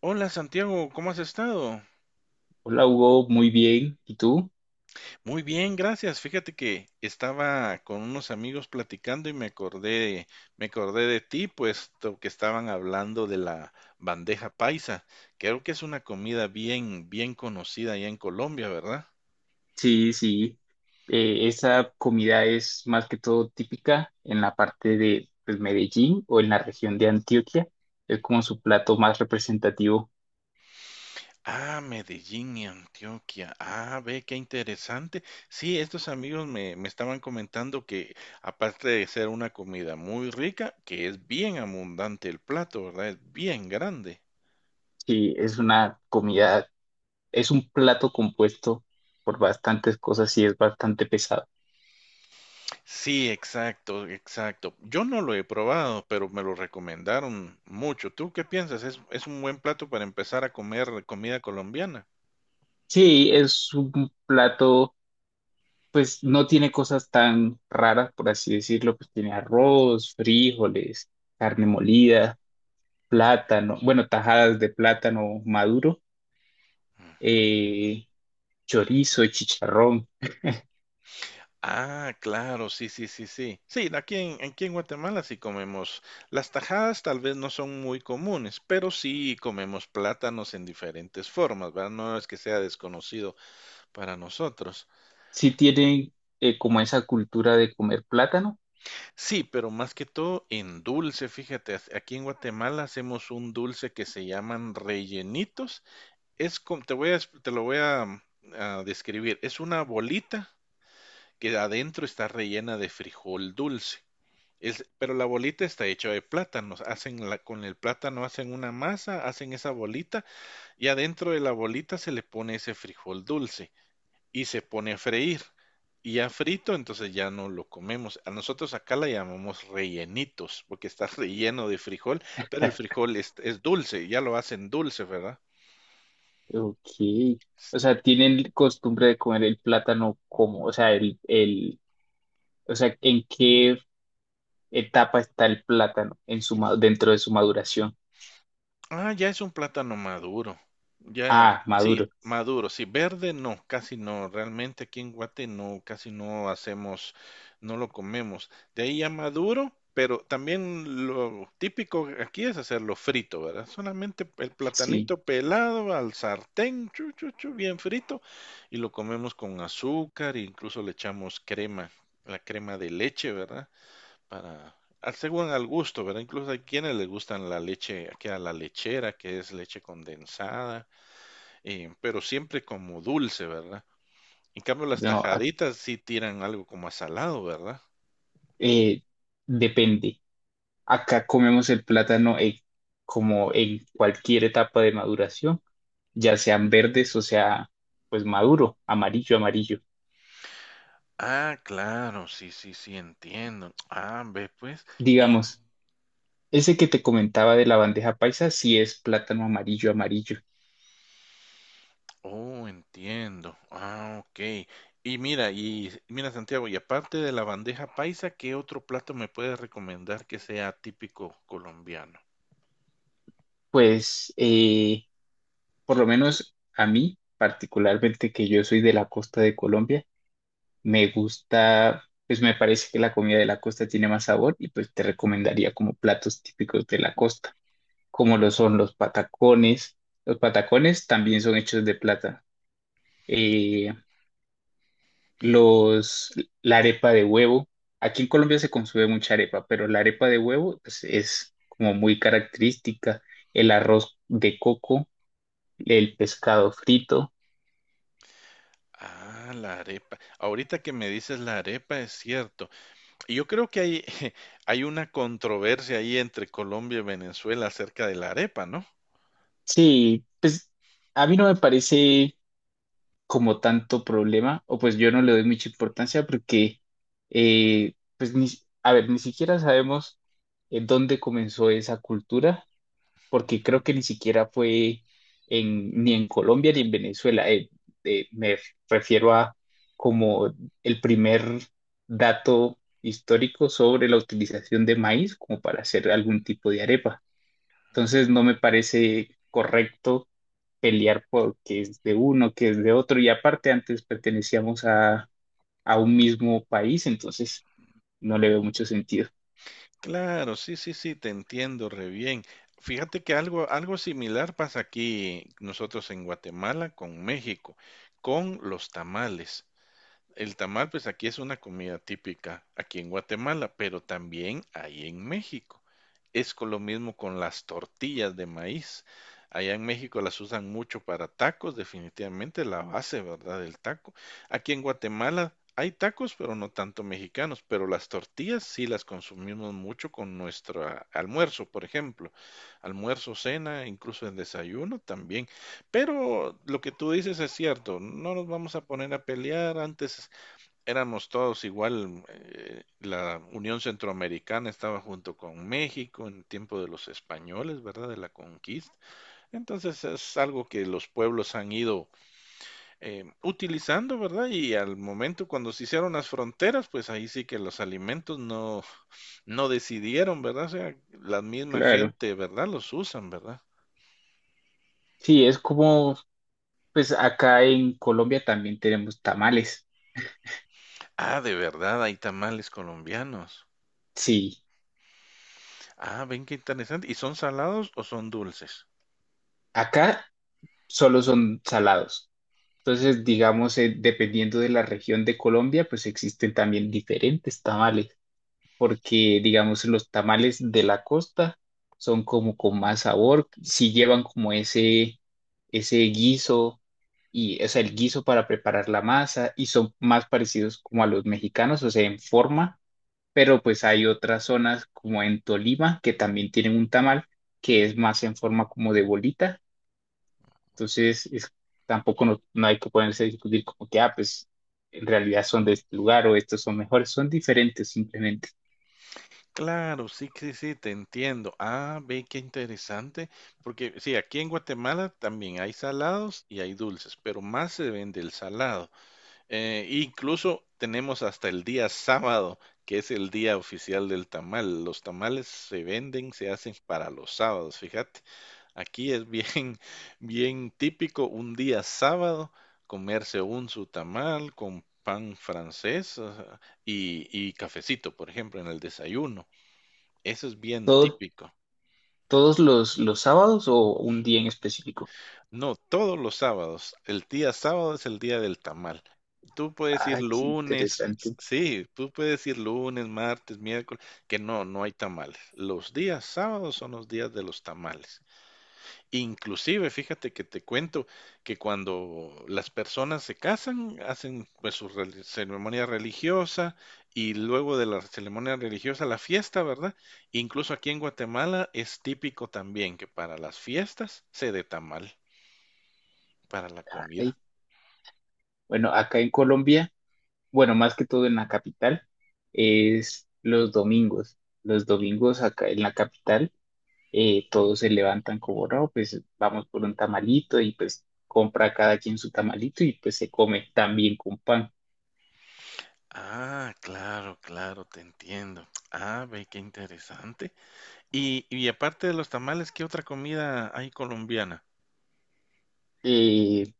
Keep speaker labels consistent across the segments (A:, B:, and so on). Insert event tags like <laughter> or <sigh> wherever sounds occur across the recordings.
A: Hola Santiago, ¿cómo has estado?
B: Hola Hugo, muy bien. ¿Y tú?
A: Muy bien, gracias. Fíjate que estaba con unos amigos platicando y me acordé de ti, puesto que estaban hablando de la bandeja paisa. Creo que es una comida bien, bien conocida allá en Colombia, ¿verdad?
B: Sí, sí. Esa comida es más que todo típica en la parte de pues, Medellín o en la región de Antioquia. Es como su plato más representativo.
A: Ah, Medellín y Antioquia. Ah, ve, qué interesante. Sí, estos amigos me estaban comentando que aparte de ser una comida muy rica, que es bien abundante el plato, ¿verdad? Es bien grande.
B: Sí, es una comida, es un plato compuesto por bastantes cosas y es bastante pesado.
A: Sí, exacto, exacto. Yo no lo he probado, pero me lo recomendaron mucho. ¿Tú qué piensas? ¿Es un buen plato para empezar a comer comida colombiana?
B: Sí, es un plato, pues no tiene cosas tan raras, por así decirlo, pues tiene arroz, frijoles, carne molida. Plátano, bueno, tajadas de plátano maduro,
A: Ujú.
B: eh, chorizo, chicharrón.
A: Ah, claro, sí, sí, sí, sí. Sí, aquí en Guatemala sí comemos. Las tajadas tal vez no son muy comunes, pero sí comemos plátanos en diferentes formas, ¿verdad? No es que sea desconocido para nosotros.
B: Sí tienen como esa cultura de comer plátano.
A: Sí, pero más que todo en dulce, fíjate, aquí en Guatemala hacemos un dulce que se llaman rellenitos. Es como, te lo voy a, a describir. Es una bolita que adentro está rellena de frijol dulce. Es, pero la bolita está hecha de plátanos. Hacen la, con el plátano hacen una masa, hacen esa bolita y adentro de la bolita se le pone ese frijol dulce y se pone a freír. Y ya frito, entonces ya no lo comemos. A nosotros acá la llamamos rellenitos, porque está <laughs> relleno de frijol, pero el frijol es dulce, ya lo hacen dulce, ¿verdad?
B: Ok. O sea, tienen costumbre de comer el plátano como, o sea, o sea, ¿en qué etapa está el plátano en su, ma- dentro de su maduración?
A: Ah, ya es un plátano maduro. Ya,
B: Ah,
A: sí,
B: maduro.
A: maduro, sí, verde no, casi no, realmente aquí en Guate no, casi no hacemos, no lo comemos. De ahí ya maduro, pero también lo típico aquí es hacerlo frito, ¿verdad? Solamente el
B: Sí.
A: platanito pelado al sartén, chu, chu, chu, bien frito, y lo comemos con azúcar, e incluso le echamos crema, la crema de leche, ¿verdad? Para, según al gusto, ¿verdad? Incluso hay quienes les gustan la leche, que a la lechera, que es leche condensada, pero siempre como dulce, ¿verdad? En cambio, las
B: No, a-
A: tajaditas sí tiran algo como a salado, ¿verdad?
B: eh, depende. Acá comemos el plátano como en cualquier etapa de maduración. Ya sean verdes o sea, pues maduro, amarillo, amarillo.
A: Ah, claro, sí, sí, sí, entiendo. Ah, ve pues. Y,
B: Digamos, ese que te comentaba de la bandeja paisa, sí es plátano amarillo, amarillo.
A: oh, entiendo. Ah, ok. Y mira, Santiago, y aparte de la bandeja paisa, ¿qué otro plato me puedes recomendar que sea típico colombiano?
B: Pues, por lo menos a mí, particularmente que yo soy de la costa de Colombia, me gusta, pues me parece que la comida de la costa tiene más sabor y pues te recomendaría como platos típicos de la costa, como lo son los patacones. Los patacones también son hechos de plátano. Eh, los, la arepa de huevo. Aquí en Colombia se consume mucha arepa, pero la arepa de huevo pues, es como muy característica. El arroz de coco, el pescado frito.
A: Ah, la arepa. Ahorita que me dices la arepa, es cierto. Y yo creo que hay, <laughs> hay una controversia ahí entre Colombia y Venezuela acerca de la arepa, ¿no?
B: Sí, pues a mí no me parece como tanto problema, o pues yo no le doy mucha importancia porque, pues, ni, a ver, ni siquiera sabemos en dónde comenzó esa cultura porque creo
A: ¿No?
B: que ni siquiera fue en, ni en Colombia ni en Venezuela. Me refiero a como el primer dato histórico sobre la utilización de maíz como para hacer algún tipo de arepa. Entonces no me parece correcto pelear por qué es de uno, que es de otro. Y aparte antes pertenecíamos a un mismo país, entonces no le veo mucho sentido.
A: Claro, sí, sí, sí, te entiendo re bien. Fíjate que algo, algo similar pasa aquí nosotros en Guatemala con México, con los tamales. El tamal, pues aquí es una comida típica, aquí en Guatemala, pero también ahí en México. Es con lo mismo con las tortillas de maíz. Allá en México las usan mucho para tacos, definitivamente la base, ¿verdad? Del taco. Aquí en Guatemala hay tacos, pero no tanto mexicanos, pero las tortillas sí las consumimos mucho con nuestro almuerzo, por ejemplo. Almuerzo, cena, incluso el desayuno también. Pero lo que tú dices es cierto, no nos vamos a poner a pelear antes éramos todos igual, la Unión Centroamericana estaba junto con México en tiempo de los españoles, ¿verdad? De la conquista. Entonces es algo que los pueblos han ido utilizando, ¿verdad? Y al momento cuando se hicieron las fronteras, pues ahí sí que los alimentos no decidieron, ¿verdad? O sea, la misma
B: Claro.
A: gente, ¿verdad? Los usan, ¿verdad?
B: Sí, es como, pues acá en Colombia también tenemos tamales.
A: Ah, de verdad, hay tamales colombianos.
B: Sí,
A: Ah, ven qué interesante. ¿Y son salados o son dulces?
B: acá solo son salados. Entonces, digamos, dependiendo de la región de Colombia, pues existen también diferentes tamales, porque, digamos, los tamales de la costa son como con más sabor, si llevan como ese guiso, y, o sea, el guiso para preparar la masa, y son más parecidos como a los mexicanos, o sea, en forma, pero pues hay otras zonas como en Tolima que también tienen un tamal que es más en forma como de bolita. Entonces, es- Tampoco no, no hay que ponerse a discutir como que, ah, pues en realidad son de este lugar o estos son mejores, son diferentes simplemente.
A: Claro, sí, sí, sí, te entiendo. Ah, ve qué interesante, porque sí, aquí en Guatemala también hay salados y hay dulces, pero más se vende el salado. Incluso tenemos hasta el día sábado, que es el día oficial del tamal. Los tamales se venden, se hacen para los sábados, fíjate. Aquí es bien, <laughs> bien típico un día sábado comerse un su tamal con pan francés, ajá, y cafecito, por ejemplo, en el desayuno. Eso es bien
B: Todo,
A: típico.
B: todos los sábados o un día en específico.
A: No, todos los sábados. El día sábado es el día del tamal. Tú puedes ir
B: Ay, qué
A: lunes, s-
B: interesante.
A: sí, tú puedes ir lunes, martes, miércoles, que no hay tamales. Los días sábados son los días de los tamales. Inclusive, fíjate que te cuento que cuando las personas se casan, hacen pues ceremonia religiosa y luego de la ceremonia religiosa la fiesta, ¿verdad? Incluso aquí en Guatemala es típico también que para las fiestas se dé tamal para la
B: Ay.
A: comida.
B: Bueno, acá en Colombia, bueno, más que todo en la capital, es los domingos. Los domingos acá en la capital, todos se levantan como, no, pues vamos por un tamalito y pues compra cada quien su tamalito y pues se come también con pan.
A: Ah, claro, claro, te entiendo. Ah, ve, qué interesante. Y aparte de los tamales, ¿qué otra comida hay colombiana?
B: eh,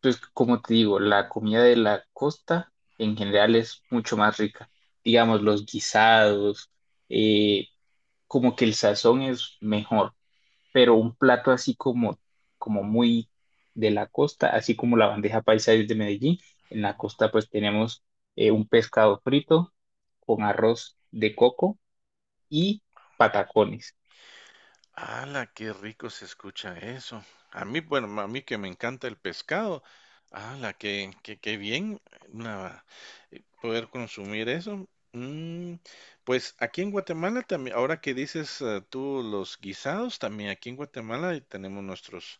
B: pues como te digo, la comida de la costa en general es mucho más rica. Digamos, los guisados, eh, como que el sazón es mejor, pero un plato así como, como muy de la costa, así como la bandeja paisa es de Medellín, en la costa pues tenemos un pescado frito con arroz de coco y patacones.
A: ¡Hala, qué rico se escucha eso! A mí, bueno, a mí que me encanta el pescado. ¡Hala, qué bien una- poder consumir eso! Mm, pues aquí en Guatemala también, ahora que dices tú los guisados, también aquí en Guatemala tenemos nuestros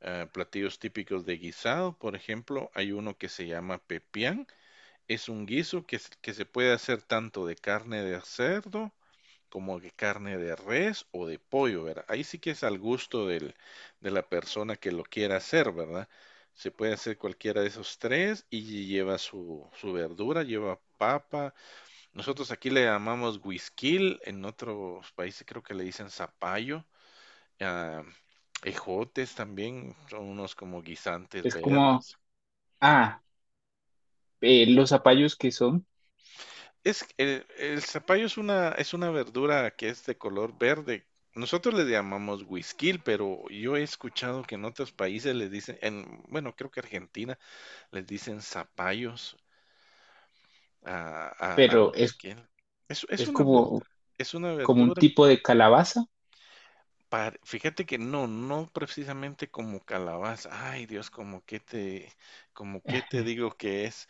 A: platillos típicos de guisado. Por ejemplo, hay uno que se llama pepián. Es un guiso que se puede hacer tanto de carne de cerdo como que carne de res o de pollo, ¿verdad? Ahí sí que es al gusto del, de la persona que lo quiera hacer, ¿verdad? Se puede hacer cualquiera de esos tres y lleva su, su verdura, lleva papa. Nosotros aquí le llamamos guisquil, en otros países creo que le dicen zapallo. Ah, ejotes también, son unos como guisantes
B: Es como,
A: verdes.
B: ah, los zapallos que son,
A: El zapallo es una verdura que es de color verde. Nosotros le llamamos huisquil, pero yo he escuchado que en otros países les dicen, en, bueno, creo que Argentina les dicen zapallos al
B: pero
A: güisquil. Es, es
B: es
A: una ver-
B: como...
A: es una
B: como un
A: verdura.
B: tipo de calabaza.
A: Fíjate que no, no precisamente como calabaza. Ay, Dios, como que te digo que es.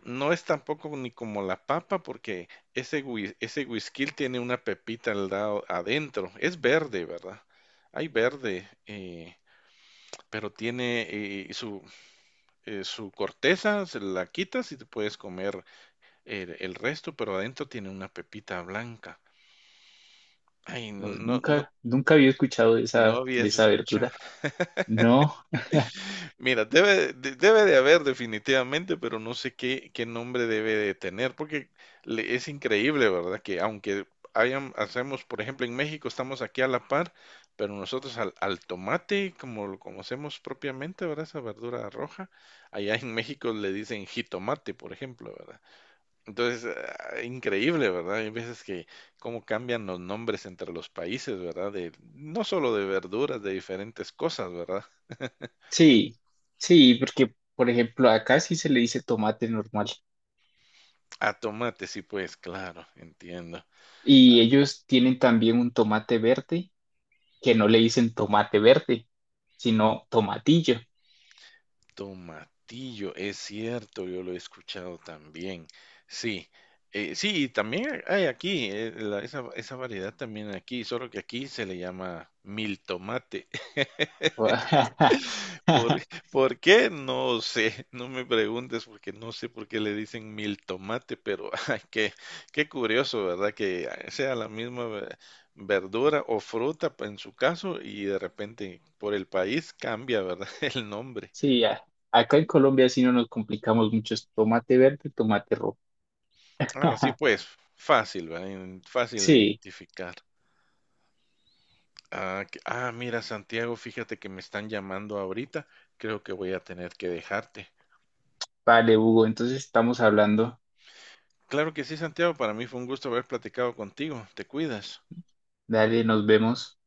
A: No es tampoco ni como la papa porque ese whisky tiene una pepita al lado adentro. Es verde, ¿verdad? Hay verde, pero tiene su corteza, se la quitas y te puedes comer el resto, pero adentro tiene una pepita blanca. Ay,
B: No,
A: no, no,
B: nunca, nunca había escuchado
A: no
B: de
A: habías
B: esa
A: escuchado.
B: verdura. No,
A: Mira, debe de haber definitivamente, pero no sé qué, qué nombre debe de tener, porque es increíble, ¿verdad? Que aunque hayan, hacemos, por ejemplo, en México estamos aquí a la par, pero nosotros al tomate, como lo conocemos propiamente, ¿verdad? Esa verdura roja, allá en México le dicen jitomate, por ejemplo, ¿verdad? Entonces, ah, increíble, ¿verdad? Hay veces que cómo cambian los nombres entre los países, ¿verdad? De, no solo de verduras, de diferentes cosas, ¿verdad?
B: sí, sí, porque por ejemplo acá sí se le dice tomate normal
A: A tomate, sí, pues claro, entiendo.
B: y ellos tienen también un tomate verde que no le dicen tomate verde, sino tomatillo.
A: Tomatillo, es cierto, yo lo he escuchado también. Sí, sí, y también hay aquí, esa, esa variedad también aquí, solo que aquí se le llama mil tomate. ¿Por,
B: <laughs>
A: por qué? No sé, <laughs> no me preguntes porque no sé por qué le dicen mil tomate, pero <laughs> ay, qué curioso, ¿verdad? Que sea la misma verdura o fruta en su caso y de repente por el país cambia, ¿verdad? <laughs> El nombre.
B: Sí, a- acá en Colombia sí no nos complicamos mucho, es tomate verde, tomate rojo.
A: Ah, sí,
B: <laughs>
A: pues fácil, ¿verdad? Fácil de
B: Sí,
A: identificar. Ah, mira, Santiago, fíjate que me están llamando ahorita. Creo que voy a tener que dejarte.
B: vale, Hugo, entonces estamos hablando.
A: Claro que sí, Santiago, para mí fue un gusto haber platicado contigo. Te cuidas.
B: Dale, nos vemos.